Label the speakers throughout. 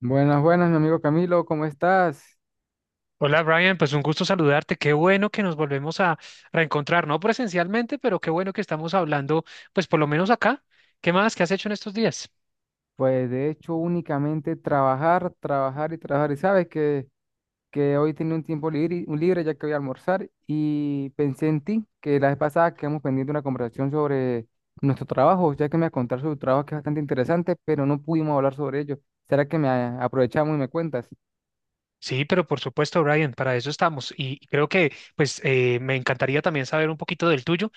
Speaker 1: Buenas, buenas, mi amigo Camilo, ¿cómo estás?
Speaker 2: Hola Brian, pues un gusto saludarte. Qué bueno que nos volvemos a reencontrar, no presencialmente, pero qué bueno que estamos hablando, pues por lo menos acá. ¿Qué más? ¿Qué has hecho en estos días?
Speaker 1: Pues de hecho únicamente trabajar, trabajar y trabajar. Y sabes que hoy tenía un tiempo libre, un libre ya que voy a almorzar y pensé en ti, que la vez pasada quedamos pendiente una conversación sobre nuestro trabajo, ya que me a contar sobre tu trabajo que es bastante interesante, pero no pudimos hablar sobre ello. ¿Será que aprovechamos y me cuentas?
Speaker 2: Sí, pero por supuesto, Brian, para eso estamos. Y creo que pues me encantaría también saber un poquito del tuyo.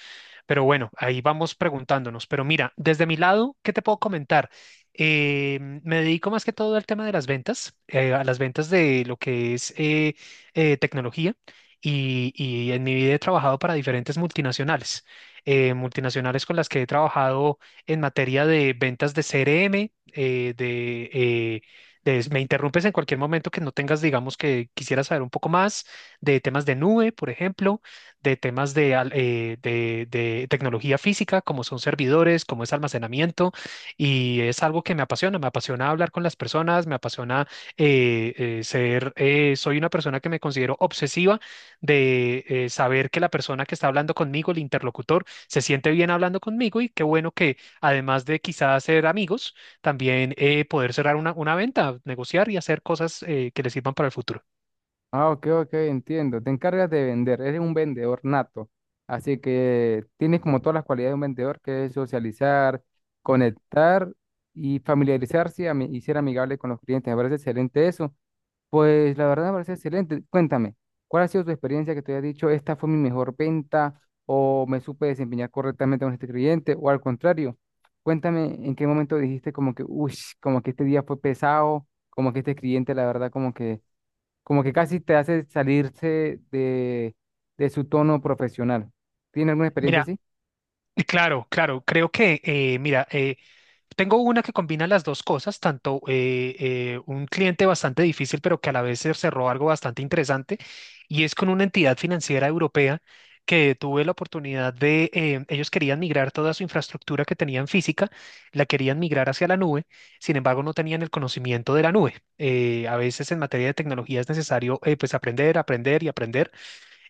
Speaker 2: Pero bueno, ahí vamos preguntándonos. Pero mira, desde mi lado, ¿qué te puedo comentar? Eh, me dedico más que todo al tema de las ventas, a las ventas de lo que es tecnología. Y en mi vida he trabajado para diferentes multinacionales, multinacionales con las que he trabajado en materia de ventas de CRM, eh, de, eh, me interrumpes en cualquier momento que no tengas, digamos, que quisiera saber un poco más de temas de nube, por ejemplo de temas de tecnología física, como son servidores, como es almacenamiento, y es algo que me apasiona hablar con las personas, me apasiona eh, soy una persona que me considero obsesiva de saber que la persona que está hablando conmigo, el interlocutor, se siente bien hablando conmigo y qué bueno que además de quizás ser amigos, también poder cerrar una venta, negociar y hacer cosas que le sirvan para el futuro.
Speaker 1: Ah, ok, ok, entiendo. Te encargas de vender, eres un vendedor nato. Así que tienes como todas las cualidades de un vendedor, que es socializar, conectar y familiarizarse y ser amigable con los clientes. Me parece excelente eso. Pues la verdad me parece excelente. Cuéntame, ¿cuál ha sido tu experiencia que te haya dicho, esta fue mi mejor venta o me supe desempeñar correctamente con este cliente o al contrario? Cuéntame en qué momento dijiste como que, uy, como que este día fue pesado, como que este cliente la verdad como que casi te hace salirse de su tono profesional. ¿Tiene alguna experiencia
Speaker 2: Mira,
Speaker 1: así?
Speaker 2: claro, claro, creo que, mira, tengo una que combina las dos cosas, tanto un cliente bastante difícil, pero que a la vez se cerró algo bastante interesante, y es con una entidad financiera europea que tuve la oportunidad. Ellos querían migrar toda su infraestructura que tenían física, la querían migrar hacia la nube, sin embargo no tenían el conocimiento de la nube. A veces en materia de tecnología es necesario pues aprender, aprender y aprender.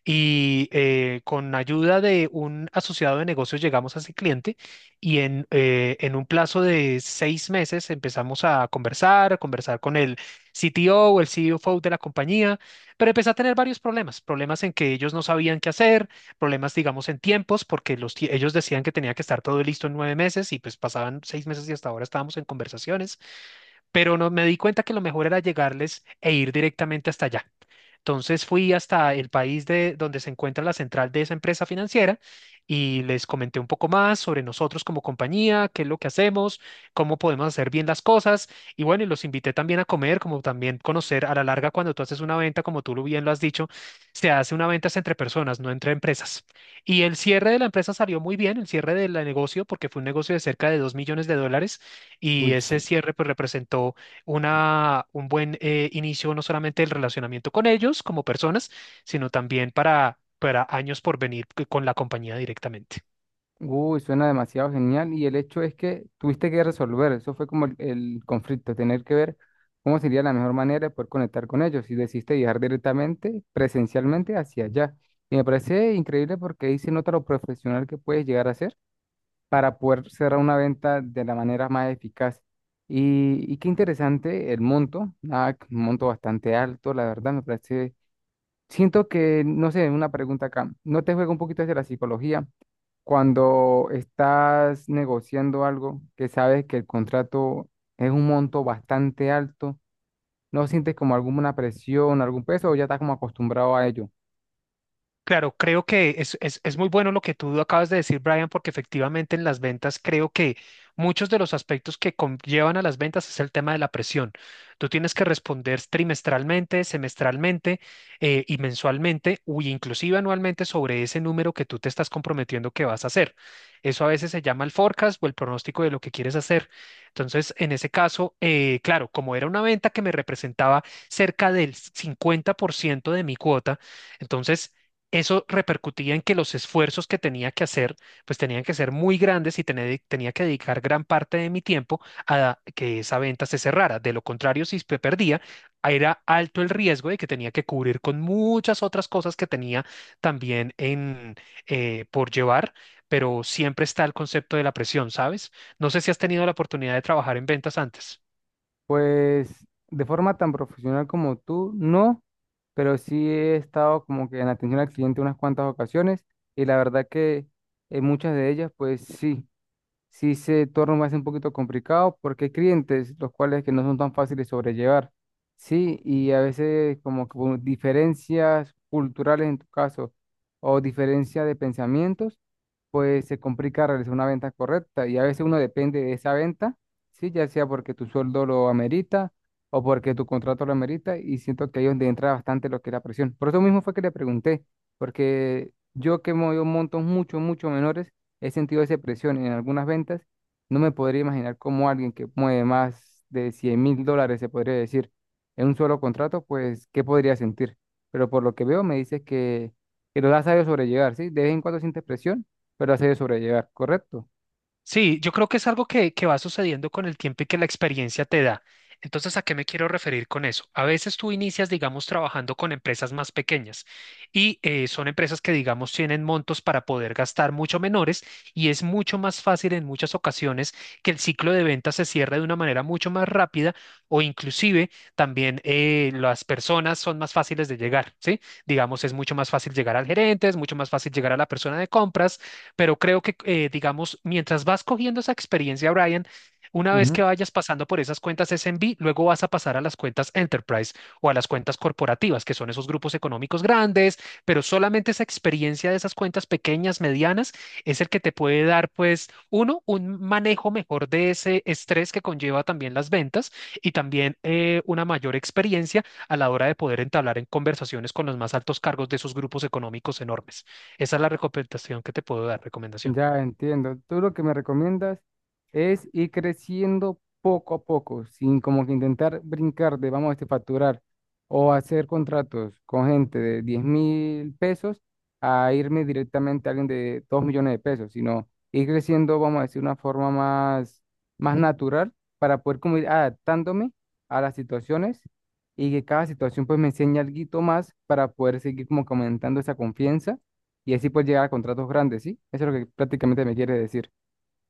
Speaker 2: Y con ayuda de un asociado de negocios llegamos a ese cliente y en un plazo de 6 meses empezamos a conversar con el CTO o el CFO de la compañía, pero empecé a tener varios problemas, problemas en que ellos no sabían qué hacer, problemas, digamos, en tiempos, porque ellos decían que tenía que estar todo listo en 9 meses y pues pasaban 6 meses y hasta ahora estábamos en conversaciones, pero no, me di cuenta que lo mejor era llegarles e ir directamente hasta allá. Entonces fui hasta el país de donde se encuentra la central de esa empresa financiera y les comenté un poco más sobre nosotros como compañía, qué es lo que hacemos, cómo podemos hacer bien las cosas y bueno, y los invité también a comer, como también conocer a la larga cuando tú haces una venta, como tú lo bien lo has dicho, se hace una venta es entre personas, no entre empresas. Y el cierre de la empresa salió muy bien, el cierre del negocio, porque fue un negocio de cerca de 2 millones de dólares
Speaker 1: Uy,
Speaker 2: y ese
Speaker 1: ch-
Speaker 2: cierre pues representó un buen inicio no solamente del relacionamiento con ellos como personas, sino también para años por venir con la compañía directamente.
Speaker 1: uy, suena demasiado genial. Y el hecho es que tuviste que resolver, eso fue como el conflicto, tener que ver cómo sería la mejor manera de poder conectar con ellos. Y decidiste viajar directamente, presencialmente hacia allá. Y me parece increíble porque ahí se nota lo profesional que puedes llegar a ser para poder cerrar una venta de la manera más eficaz. Y qué interesante el monto, ah, un monto bastante alto, la verdad me parece. Siento que, no sé, una pregunta acá, ¿no te juega un poquito hacia la psicología cuando estás negociando algo que sabes que el contrato es un monto bastante alto? ¿No sientes como alguna presión, algún peso o ya estás como acostumbrado a ello?
Speaker 2: Claro, creo que es muy bueno lo que tú acabas de decir, Brian, porque efectivamente en las ventas creo que muchos de los aspectos que conllevan a las ventas es el tema de la presión. Tú tienes que responder trimestralmente, semestralmente y mensualmente, o inclusive anualmente sobre ese número que tú te estás comprometiendo que vas a hacer. Eso a veces se llama el forecast o el pronóstico de lo que quieres hacer. Entonces, en ese caso, claro, como era una venta que me representaba cerca del 50% de mi cuota, entonces eso repercutía en que los esfuerzos que tenía que hacer, pues tenían que ser muy grandes y tenía que dedicar gran parte de mi tiempo a que esa venta se cerrara. De lo contrario, si se perdía, era alto el riesgo de que tenía que cubrir con muchas otras cosas que tenía también por llevar, pero siempre está el concepto de la presión, ¿sabes? No sé si has tenido la oportunidad de trabajar en ventas antes.
Speaker 1: Pues de forma tan profesional como tú, no, pero sí he estado como que en atención al cliente unas cuantas ocasiones y la verdad que en muchas de ellas, pues sí, sí se torna más un poquito complicado porque hay clientes los cuales que no son tan fáciles de sobrellevar, ¿sí? Y a veces como que por diferencias culturales en tu caso o diferencia de pensamientos, pues se complica realizar una venta correcta y a veces uno depende de esa venta, ¿sí? Ya sea porque tu sueldo lo amerita o porque tu contrato lo amerita y siento que ahí es donde entra bastante lo que es la presión. Por eso mismo fue que le pregunté, porque yo que movido montos mucho, mucho menores, he sentido esa presión en algunas ventas. No me podría imaginar cómo alguien que mueve más de 100.000 dólares, se podría decir, en un solo contrato, pues, ¿qué podría sentir? Pero por lo que veo, me dices que lo has sabido sobrellevar, ¿sí? De vez en cuando sientes presión, pero lo has sabido sobrellevar, ¿correcto?
Speaker 2: Sí, yo creo que es algo que va sucediendo con el tiempo y que la experiencia te da. Entonces, ¿a qué me quiero referir con eso? A veces tú inicias, digamos, trabajando con empresas más pequeñas y son empresas que, digamos, tienen montos para poder gastar mucho menores y es mucho más fácil en muchas ocasiones que el ciclo de ventas se cierre de una manera mucho más rápida o inclusive también las personas son más fáciles de llegar, ¿sí? Digamos, es mucho más fácil llegar al gerente, es mucho más fácil llegar a la persona de compras pero creo que, digamos, mientras vas cogiendo esa experiencia, Brian, una vez que
Speaker 1: Ujú.
Speaker 2: vayas pasando por esas cuentas SMB, luego vas a pasar a las cuentas Enterprise o a las cuentas corporativas, que son esos grupos económicos grandes, pero solamente esa experiencia de esas cuentas pequeñas, medianas, es el que te puede dar, pues, uno, un manejo mejor de ese estrés que conlleva también las ventas y también una mayor experiencia a la hora de poder entablar en conversaciones con los más altos cargos de esos grupos económicos enormes. Esa es la recomendación que te puedo dar, recomendación.
Speaker 1: Ya entiendo. Tú lo que me recomiendas es ir creciendo poco a poco, sin como que intentar brincar de vamos a facturar o hacer contratos con gente de 10.000 pesos a irme directamente a alguien de 2 millones de pesos, sino ir creciendo, vamos a decir, una forma más, más natural para poder como ir adaptándome a las situaciones y que cada situación pues me enseñe algo más para poder seguir como que aumentando esa confianza y así puedes llegar a contratos grandes, ¿sí? Eso es lo que prácticamente me quiere decir.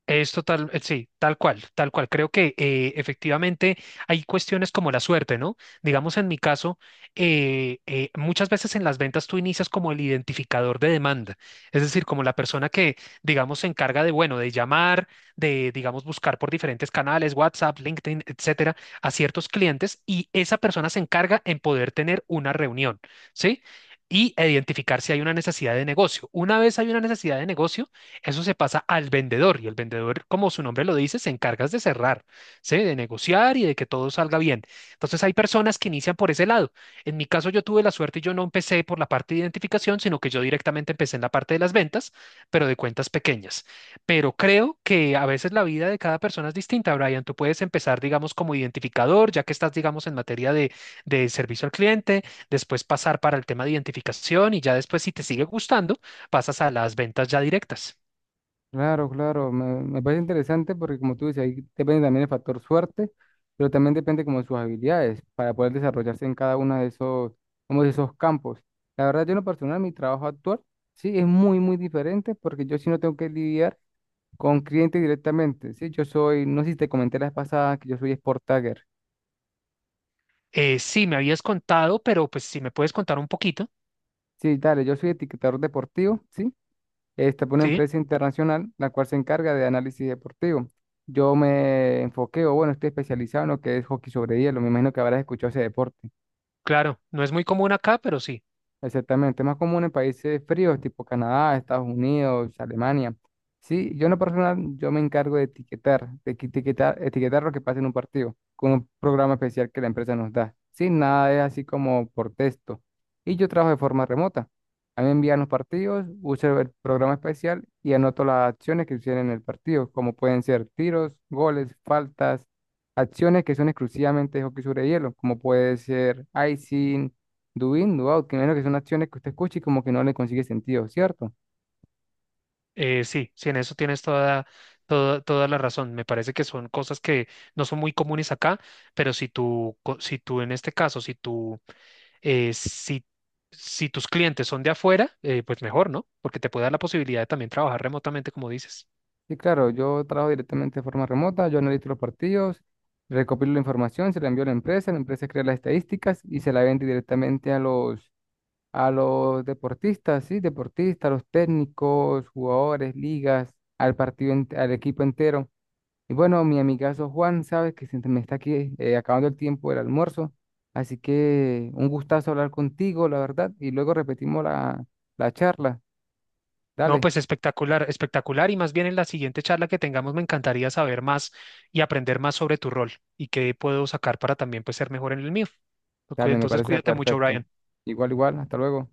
Speaker 2: Es total, sí, tal cual, tal cual. Creo que efectivamente hay cuestiones como la suerte, ¿no? Digamos en mi caso, muchas veces en las ventas tú inicias como el identificador de demanda, es decir, como la persona que, digamos, se encarga de, bueno, de llamar, de, digamos, buscar por diferentes canales, WhatsApp, LinkedIn, etcétera, a ciertos clientes y esa persona se encarga en poder tener una reunión, ¿sí? E identificar si hay una necesidad de negocio. Una vez hay una necesidad de negocio, eso se pasa al vendedor y el vendedor, como su nombre lo dice, se encarga de cerrar, ¿sí? De negociar y de que todo salga bien. Entonces hay personas que inician por ese lado. En mi caso yo tuve la suerte, yo no empecé por la parte de identificación, sino que yo directamente empecé en la parte de las ventas, pero de cuentas pequeñas. Pero creo que a veces la vida de cada persona es distinta, Brian. Tú puedes empezar, digamos, como identificador, ya que estás, digamos, en materia de servicio al cliente, después pasar para el tema de identificación y ya después, si te sigue gustando, pasas a las ventas ya directas.
Speaker 1: Claro, claro, me parece interesante porque como tú dices, ahí depende también el factor suerte, pero también depende como de sus habilidades para poder desarrollarse en cada uno de esos, como de esos campos. La verdad, yo en lo personal, mi trabajo actual, sí, es muy, muy diferente porque yo sí no tengo que lidiar con clientes directamente, ¿sí? Yo soy, no sé si te comenté la vez pasada que yo soy Sport Tagger.
Speaker 2: Sí, me habías contado, pero pues si me puedes contar un poquito,
Speaker 1: Sí, dale, yo soy etiquetador deportivo, ¿sí? Esta es una
Speaker 2: sí,
Speaker 1: empresa internacional la cual se encarga de análisis deportivo. Yo me enfoqué, o bueno, estoy especializado en lo que es hockey sobre hielo. Me imagino que habrás escuchado ese deporte.
Speaker 2: claro, no es muy común acá, pero sí,
Speaker 1: Exactamente, es más común en países fríos, tipo Canadá, Estados Unidos, Alemania. Sí, yo en lo personal, yo me encargo de etiquetar, etiquetar lo que pasa en un partido, con un programa especial que la empresa nos da. Sí, nada es así como por texto. Y yo trabajo de forma remota. A mí me envían los partidos, uso el programa especial y anoto las acciones que suceden en el partido, como pueden ser tiros, goles, faltas, acciones que son exclusivamente de hockey sobre hielo, como puede ser icing do in, do out, que menos que son acciones que usted escucha y como que no le consigue sentido, ¿cierto?
Speaker 2: sí, sí, en eso tienes toda la razón. Me parece que son cosas que no son muy comunes acá, pero si tú en este caso, si tú, si, si tus clientes son de afuera, pues mejor, ¿no? Porque te puede dar la posibilidad de también trabajar remotamente, como dices.
Speaker 1: Y claro, yo trabajo directamente de forma remota, yo analizo los partidos, recopilo la información, se la envío a la empresa crea las estadísticas y se la vende directamente a a los deportistas, ¿sí? Deportistas, los técnicos, jugadores, ligas, al partido, al equipo entero. Y bueno, mi amigazo Juan, sabes que se me está aquí acabando el tiempo del almuerzo, así que un gustazo hablar contigo, la verdad, y luego repetimos la charla.
Speaker 2: No,
Speaker 1: Dale,
Speaker 2: pues espectacular, espectacular. Y más bien en la siguiente charla que tengamos me encantaría saber más y aprender más sobre tu rol y qué puedo sacar para también pues ser mejor en el mío. Cu-
Speaker 1: dale, me
Speaker 2: Entonces
Speaker 1: parece
Speaker 2: cuídate mucho,
Speaker 1: perfecto.
Speaker 2: Brian.
Speaker 1: Igual, igual, hasta luego.